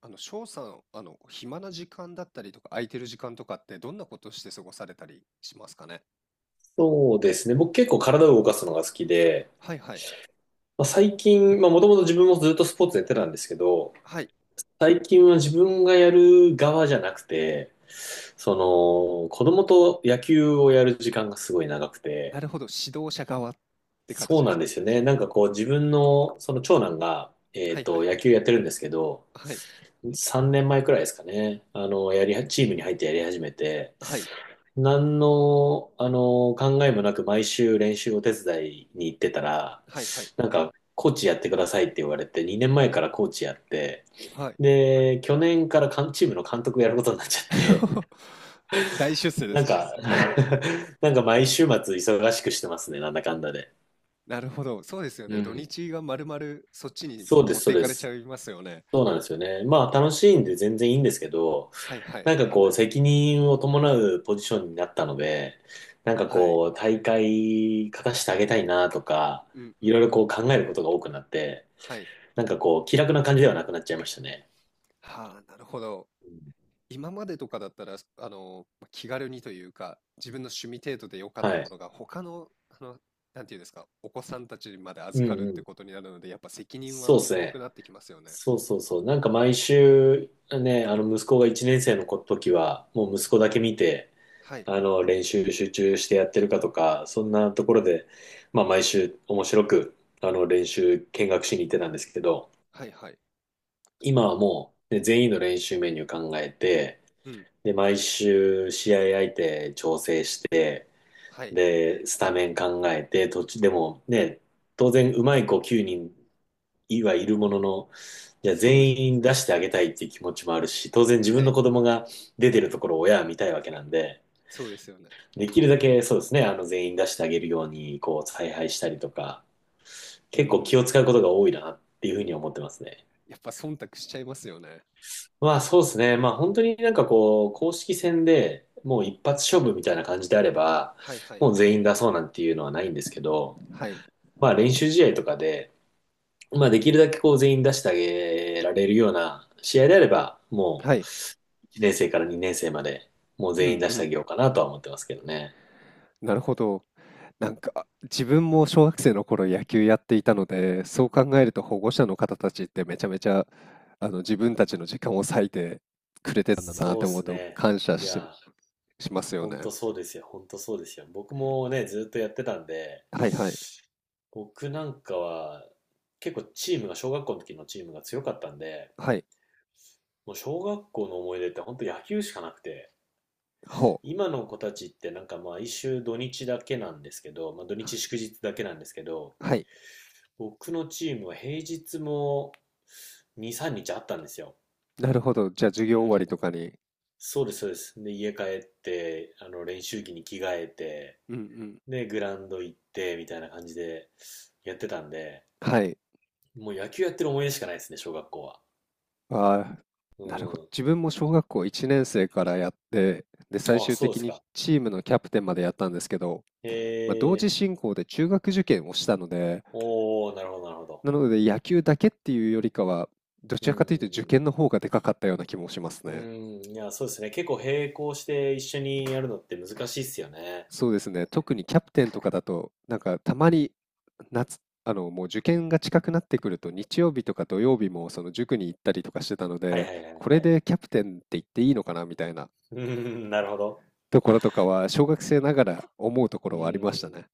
翔さん、暇な時間だったりとか、空いてる時間とかって、どんなことして過ごされたりしますかね。そうですね。僕結構体を動かすのが好きで、はいはい。まあ、最近、まあもともと自分もずっとスポーツやってたんですけど、はい。最近は自分がやる側じゃなくて、その子供と野球をやる時間がすごい長くて、なるほど。指導者側って形そうでなすんでね。すよね。なんかこう自分のその長男が、はいはい。野球やってるんですけど、はい。3年前くらいですかね。やりは、チームに入ってやり始めて、はい。何の考えもなく毎週練習を手伝いに行ってたら、はいはい。なんか、コーチやってくださいって言われて、2年前からコーチやって、はい。で、去年からかんチームの監督やることになっちゃって、大出世 でなすんね。か、なんか毎週末忙しくしてますね、なんだかんだで。なるほど。そうですようね。土ん。日がまるまるそっちにそうで持す、っそてういでかれちす。ゃいますよね。そうなんですよね。まあ、楽しいんで全然いいんですけど、はいはい。なんかこう、責任を伴うポジションになったので、なんかはい。こう、大会勝たせてあげたいなとか、うんういんろいろうこん。う考えることが多くなって、はい。なんかこう、気楽な感じではなくなっちゃいましたね。はあ、なるほど。うん今までとかだったら、まあ気軽にというか、自分の趣味程度で良かっはたい。ものが、他の、なんていうんですか、お子さんたちにまでうん預かるっうてん。ことになるので、やっぱ責任そうではす重くね。なってきますよね。そうそうそう。なんか毎週、ね、息子が1年生の時は、もう息子だけ見て、はい、練習集中してやってるかとか、そんなところで、まあ毎週面白く、練習見学しに行ってたんですけど、はい、はい。今はもう、ね、全員の練習メニュー考えて、うん、で、毎週試合相手調整して、はい、で、スタメン考えて、途中でもね、当然うまい子9人はいるものの、じゃあそうです全ね。員出してあげたいっていう気持ちもあるし、当然自は分のい、子供が出てるところを親は見たいわけなんで、そうですよね。できるだけそうですね、全員出してあげるように、こう、采配したりとか、う結構気ん、を使うことが多いなっていうふうに思ってますね。やっぱ忖度しちゃいますよね。まあそうですね。まあ本当になんかこう、公式戦でもう一発勝負みたいな感じであれば、はい、はい、もう全員出そうなんていうのはないんですけど、はい、まあ練習試合とかで、まあできるだけこう全員出してあげられるような試合であれば、もはうい。1年生から2年生までもうう全員ん、出うしてあげん。ようかなとは思ってますけどね。なるほど。なんか自分も小学生の頃野球やっていたので、そう考えると保護者の方たちってめちゃめちゃ、あの、自分たちの時間を割いてくれてたんだなっそうてで思うすとね。感謝いやし、ーしますよ本ね。当そうですよ。本当そうですよ。僕もね、ずっとやってたんで、はいはい。僕なんかは結構チームが、小学校の時のチームが強かったんで、はい。もう小学校の思い出って本当野球しかなくて、ほう。今の子たちってなんかまあ土日だけなんですけど、まあ土日祝日だけなんですけど、はい。僕のチームは平日も2、3日あったんですよ。なるほど。じゃあ授う業終わりん。とかに。そうです、そうです。で、家帰って、練習着に着替えて、うんうん。で、グラウンド行って、みたいな感じでやってたんで、はい。もう野球やってる思い出しかないですね、小学校は。あうー、なるほど。ん。自分も小学校1年生からやって、で、最あ、終そうで的すにか。チームのキャプテンまでやったんですけど、へまあ、同時え。進行で中学受験をしたので、おー、なるほど、なるほど。なので野球だけっていうよりかは、どうちらかというと受ん験の方がでかかったような気もしますうんうね。ん。うん、いや、そうですね。結構並行して一緒にやるのって難しいっすよね。そうですね。特にキャプテンとかだと、なんかたまに夏、もう受験が近くなってくると、日曜日とか土曜日もその塾に行ったりとかしてたのはいで、はいはいこはれい。でキャプテンって言っていいのかなみたいなうん、なるほど。ところとかは、小学生ながら思うとこうろん。はありましたいね。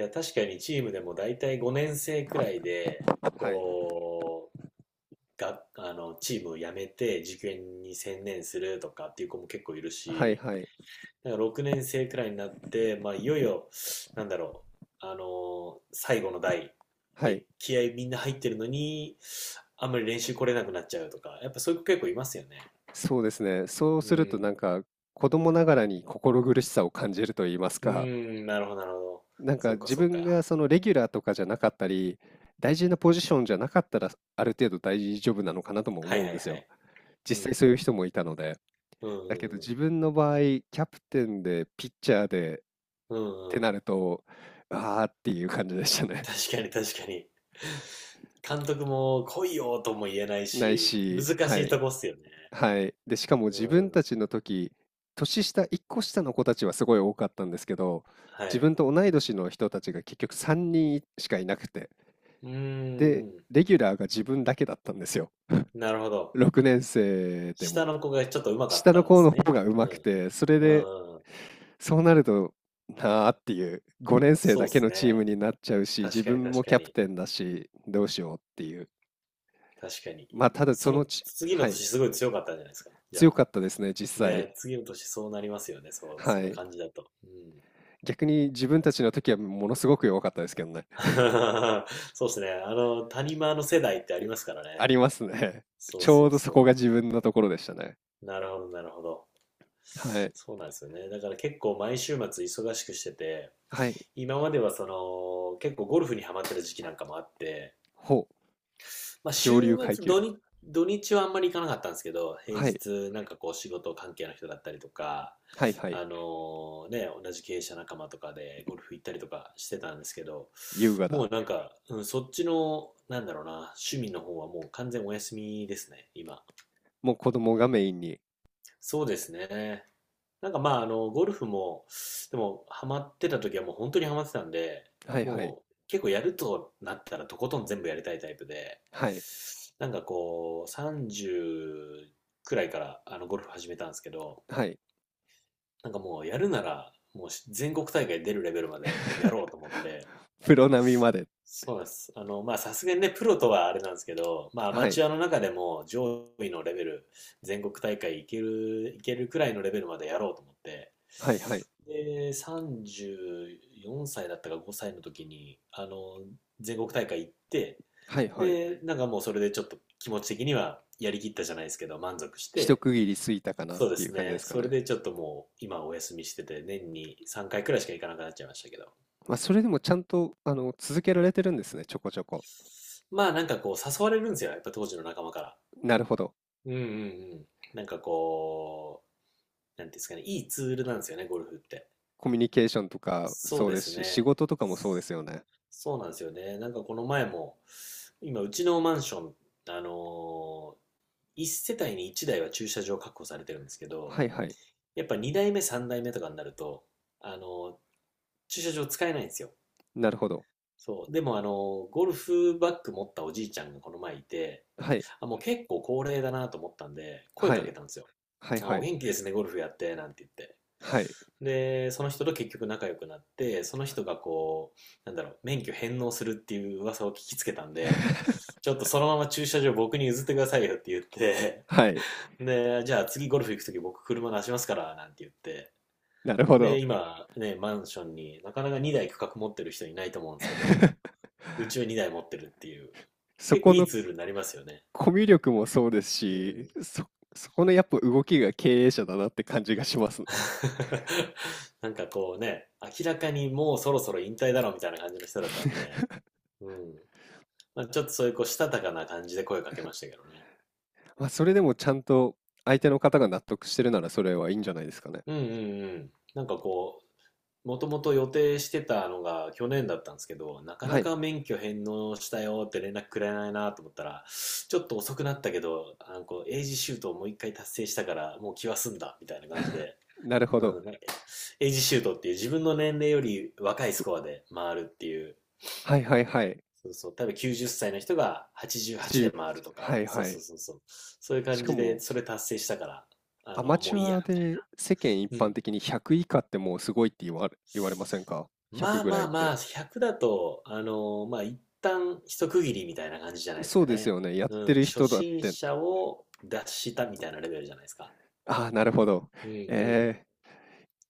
や、確かにチームでも大体5年生くらいで、はい。こう、が、あの、チームを辞めて受験に専念するとかっていう子も結構いるはいし、はい。だから6年生くらいになって、まあ、いよいよ、なんだろ最後の代はい。で気合みんな入ってるのに、あんまり練習来れなくなっちゃうとか、やっぱそういう子結構いますよね。そうですね。そううするとん。なんか、子供ながらに心苦しさを感じると言いますうか、ーん、なるほど、なるほど。なんそかうか、自そう分か。がそのレギュラーとかじゃなかったり、大事なポジションじゃなかったら、ある程度大丈夫なのかなともはい思はういんはですよ。い。う実際ん。そういう人もいたので。うだけどん、うん、自分の場合、キャプテンでピッチャーでっうてん。うんなると、ああっていう感じでしたね。確かに確かに。監督も来いよとも言えない ないし、し、難はしいい、とこっすよね。はい。で、しかもう自分ん。たちの時、年下、1個下の子たちはすごい多かったんですけど、は自い。分と同い年の人たちが結局3人しかいなくて。うーで、ん。レギュラーが自分だけだったんですよ。なるほど。6年生で下も。の子がちょっと上手かっ下たのんで子すのね。方がう上手くん。て、それうで、ん。そうなると、なあっていう、5年生そうだっけすのチームね。になっちゃうし、自確かに分確もかキャプに。テンだし、どうしようっていう。確かに。まあ、ただそそののち、次のはい、年すごい強かったんじゃないですか。じゃ強あ。かったですね、実際。ね、次の年そうなりますよね。そう、はそのい。感じだと。うん。逆に自分たちの時はものすごく弱かったですけどね。そうですね。谷間の世代ってありますからあね。りますね。そうちょそううどそそこがう。自分のところでしたね。なるほど、なるほど。はい。そうなんですよね。だから結構毎週末忙しくしてて、はい。今まではその結構ゴルフにハマってた時期なんかもあって、ほう。まあ上週流階末級土な。日、土日はあんまり行かなかったんですけど、平はい。日なんかこう仕事関係の人だったりとか、はいはあい。のね、同じ経営者仲間とかでゴルフ行ったりとかしてたんですけど、優雅もうだ。なんか、うん、そっちの、なんだろうな、趣味の方はもう完全お休みですね、今。もう子供がメインに。そうですね。なんかまあ、ゴルフも、でも、ハマってた時はもう本当にハマってたんで、はいはい。もう結構やるとなったらとことん全部やりたいタイプで、はい。なんかこう、30くらいからゴルフ始めたんですけど、はい。なんかもうやるなら、もう全国大会出るレベルまでやろうと思って、プロ並みまで。そうなんです。まあ、さすがにね、プロとはあれなんですけど、まあ、アはマい。チュアの中でも上位のレベル、全国大会いける、いけるくらいのレベルまでやろうと思って、はいはい。で、34歳だったか5歳の時に、全国大会行って、はいはい。で、なんかもうそれでちょっと気持ち的にはやりきったじゃないですけど、満足し一て、区切り過ぎたかなっそうでていうす感じね。ですかそれね。でちょっともう今お休みしてて、年に3回くらいしか行かなくなっちゃいましたけど。まあ、それでもちゃんと、あの、続けられてるんですね、ちょこちょこ。まあなんかこう誘われるんですよ。やっぱ当時の仲間から。なるほど。うんうんうん。なんかこう、なんていうんですかね、いいツールなんですよね、ゴルフって。コミュニケーションとかそうそうでですすし、仕ね。事とかもそうですよね。そうなんですよね。なんかこの前も、今、うちのマンション、あの1世帯に1台は駐車場確保されてるんですけど、はいはい。やっぱ2台目、3台目とかになると、あのー、駐車場使えないんですよ。なるほど。そう。でも、ゴルフバッグ持ったおじいちゃんがこの前いて、はい。あ、もう結構高齢だなと思ったんで、声はかけい。たんですよ。はいあはおい。元気ですね、ゴルフやって、なんて言って。はい。で、その人と結局仲良くなって、その人がこう、免許返納するっていう噂を聞きつけたんで、ちょっとそのまま駐車場僕に譲ってくださいよって言って、はい。で、じゃあ次ゴルフ行くとき僕車出しますから、なんて言って。なるほで、ど。今ね、マンションになかなか2台区画持ってる人いないと思うんですけど、うちは2台持ってるっていう、そ結構こいいのツールになりますよね。コミュ力もそうですうん。し、そ、そこのやっぱ動きが経営者だなって感じがしますね。なんかこうね、明らかにもうそろそろ引退だろうみたいな感じの人だったんで、うん。まあ、ちょっとそういうこう、したたかな感じで声をかけましたけどね。まあ、それでもちゃんと相手の方が納得してるなら、それはいいんじゃないですかね。うんうんうん。なんかこう、もともと予定してたのが去年だったんですけど、なかはない、か免許返納したよって連絡くれないなと思ったら、ちょっと遅くなったけど、エイジシュートをもう一回達成したから、もう気は済んだ、みたいな感じで。なるほど。うん、なんかエイジシュートっていう自分の年齢より若いスコアで回るっていうはいはいはい。そうそう。多分90歳の人が88 7、で回るとはか、いそうはそい。うそうそう。そういうし感かじで、も、それ達成したから、アマもチういいュや、アみたで世間一いな。う般ん。的に100以下ってもうすごいって言われ言われませんかま？100あぐらまいあっまあ、て。100だと、まあ一旦一区切りみたいな感じじゃないですそうかですね。よね、やっうてん。る初人だっ心て、者を脱したみたいなレベルじゃないですか。ああ、なるほど。うんうん。ええ。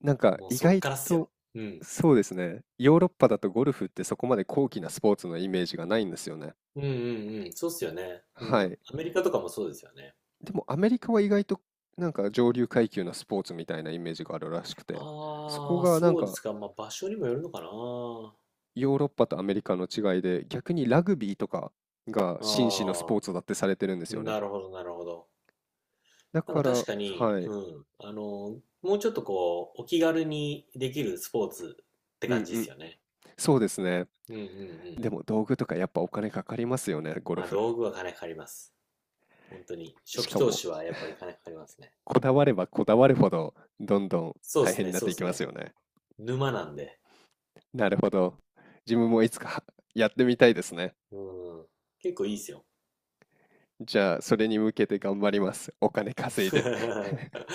なんかもう意そっ外からっすと、よ。うん。そうですね。ヨーロッパだとゴルフってそこまで高貴なスポーツのイメージがないんですよね。うんうんうん。そうっすよね。うん。はアい。メリカとかもそうですよね。でもアメリカは意外となんか上流階級のスポーツみたいなイメージがあるらしくて、そこああ、がなんそうでかすか。まあ場所にもよるのかな。ヨーロッパとアメリカの違いで、逆にラグビーとかが紳士のスポあーあ、ツだってされてるんですよね。なるほど、なるほど。だなんかから、確かに、はい。うん、もうちょっとこう、お気軽にできるスポーツってう感んじでうすん。よね。そうですね。うんうんうん。でも道具とかやっぱお金かかりますよね、ゴルまあ、フ。道具は金かかります。本当に。初し期か投も資はやっぱり金かかりますね。こだわればこだわるほど、どんどんそうで大す変にね、なっそうてでいきすますね。よね。沼なんで。なるほど。自分もいつかやってみたいですね。うん。結構いいですよ。じゃあ、それに向けて頑張ります。お金稼いで。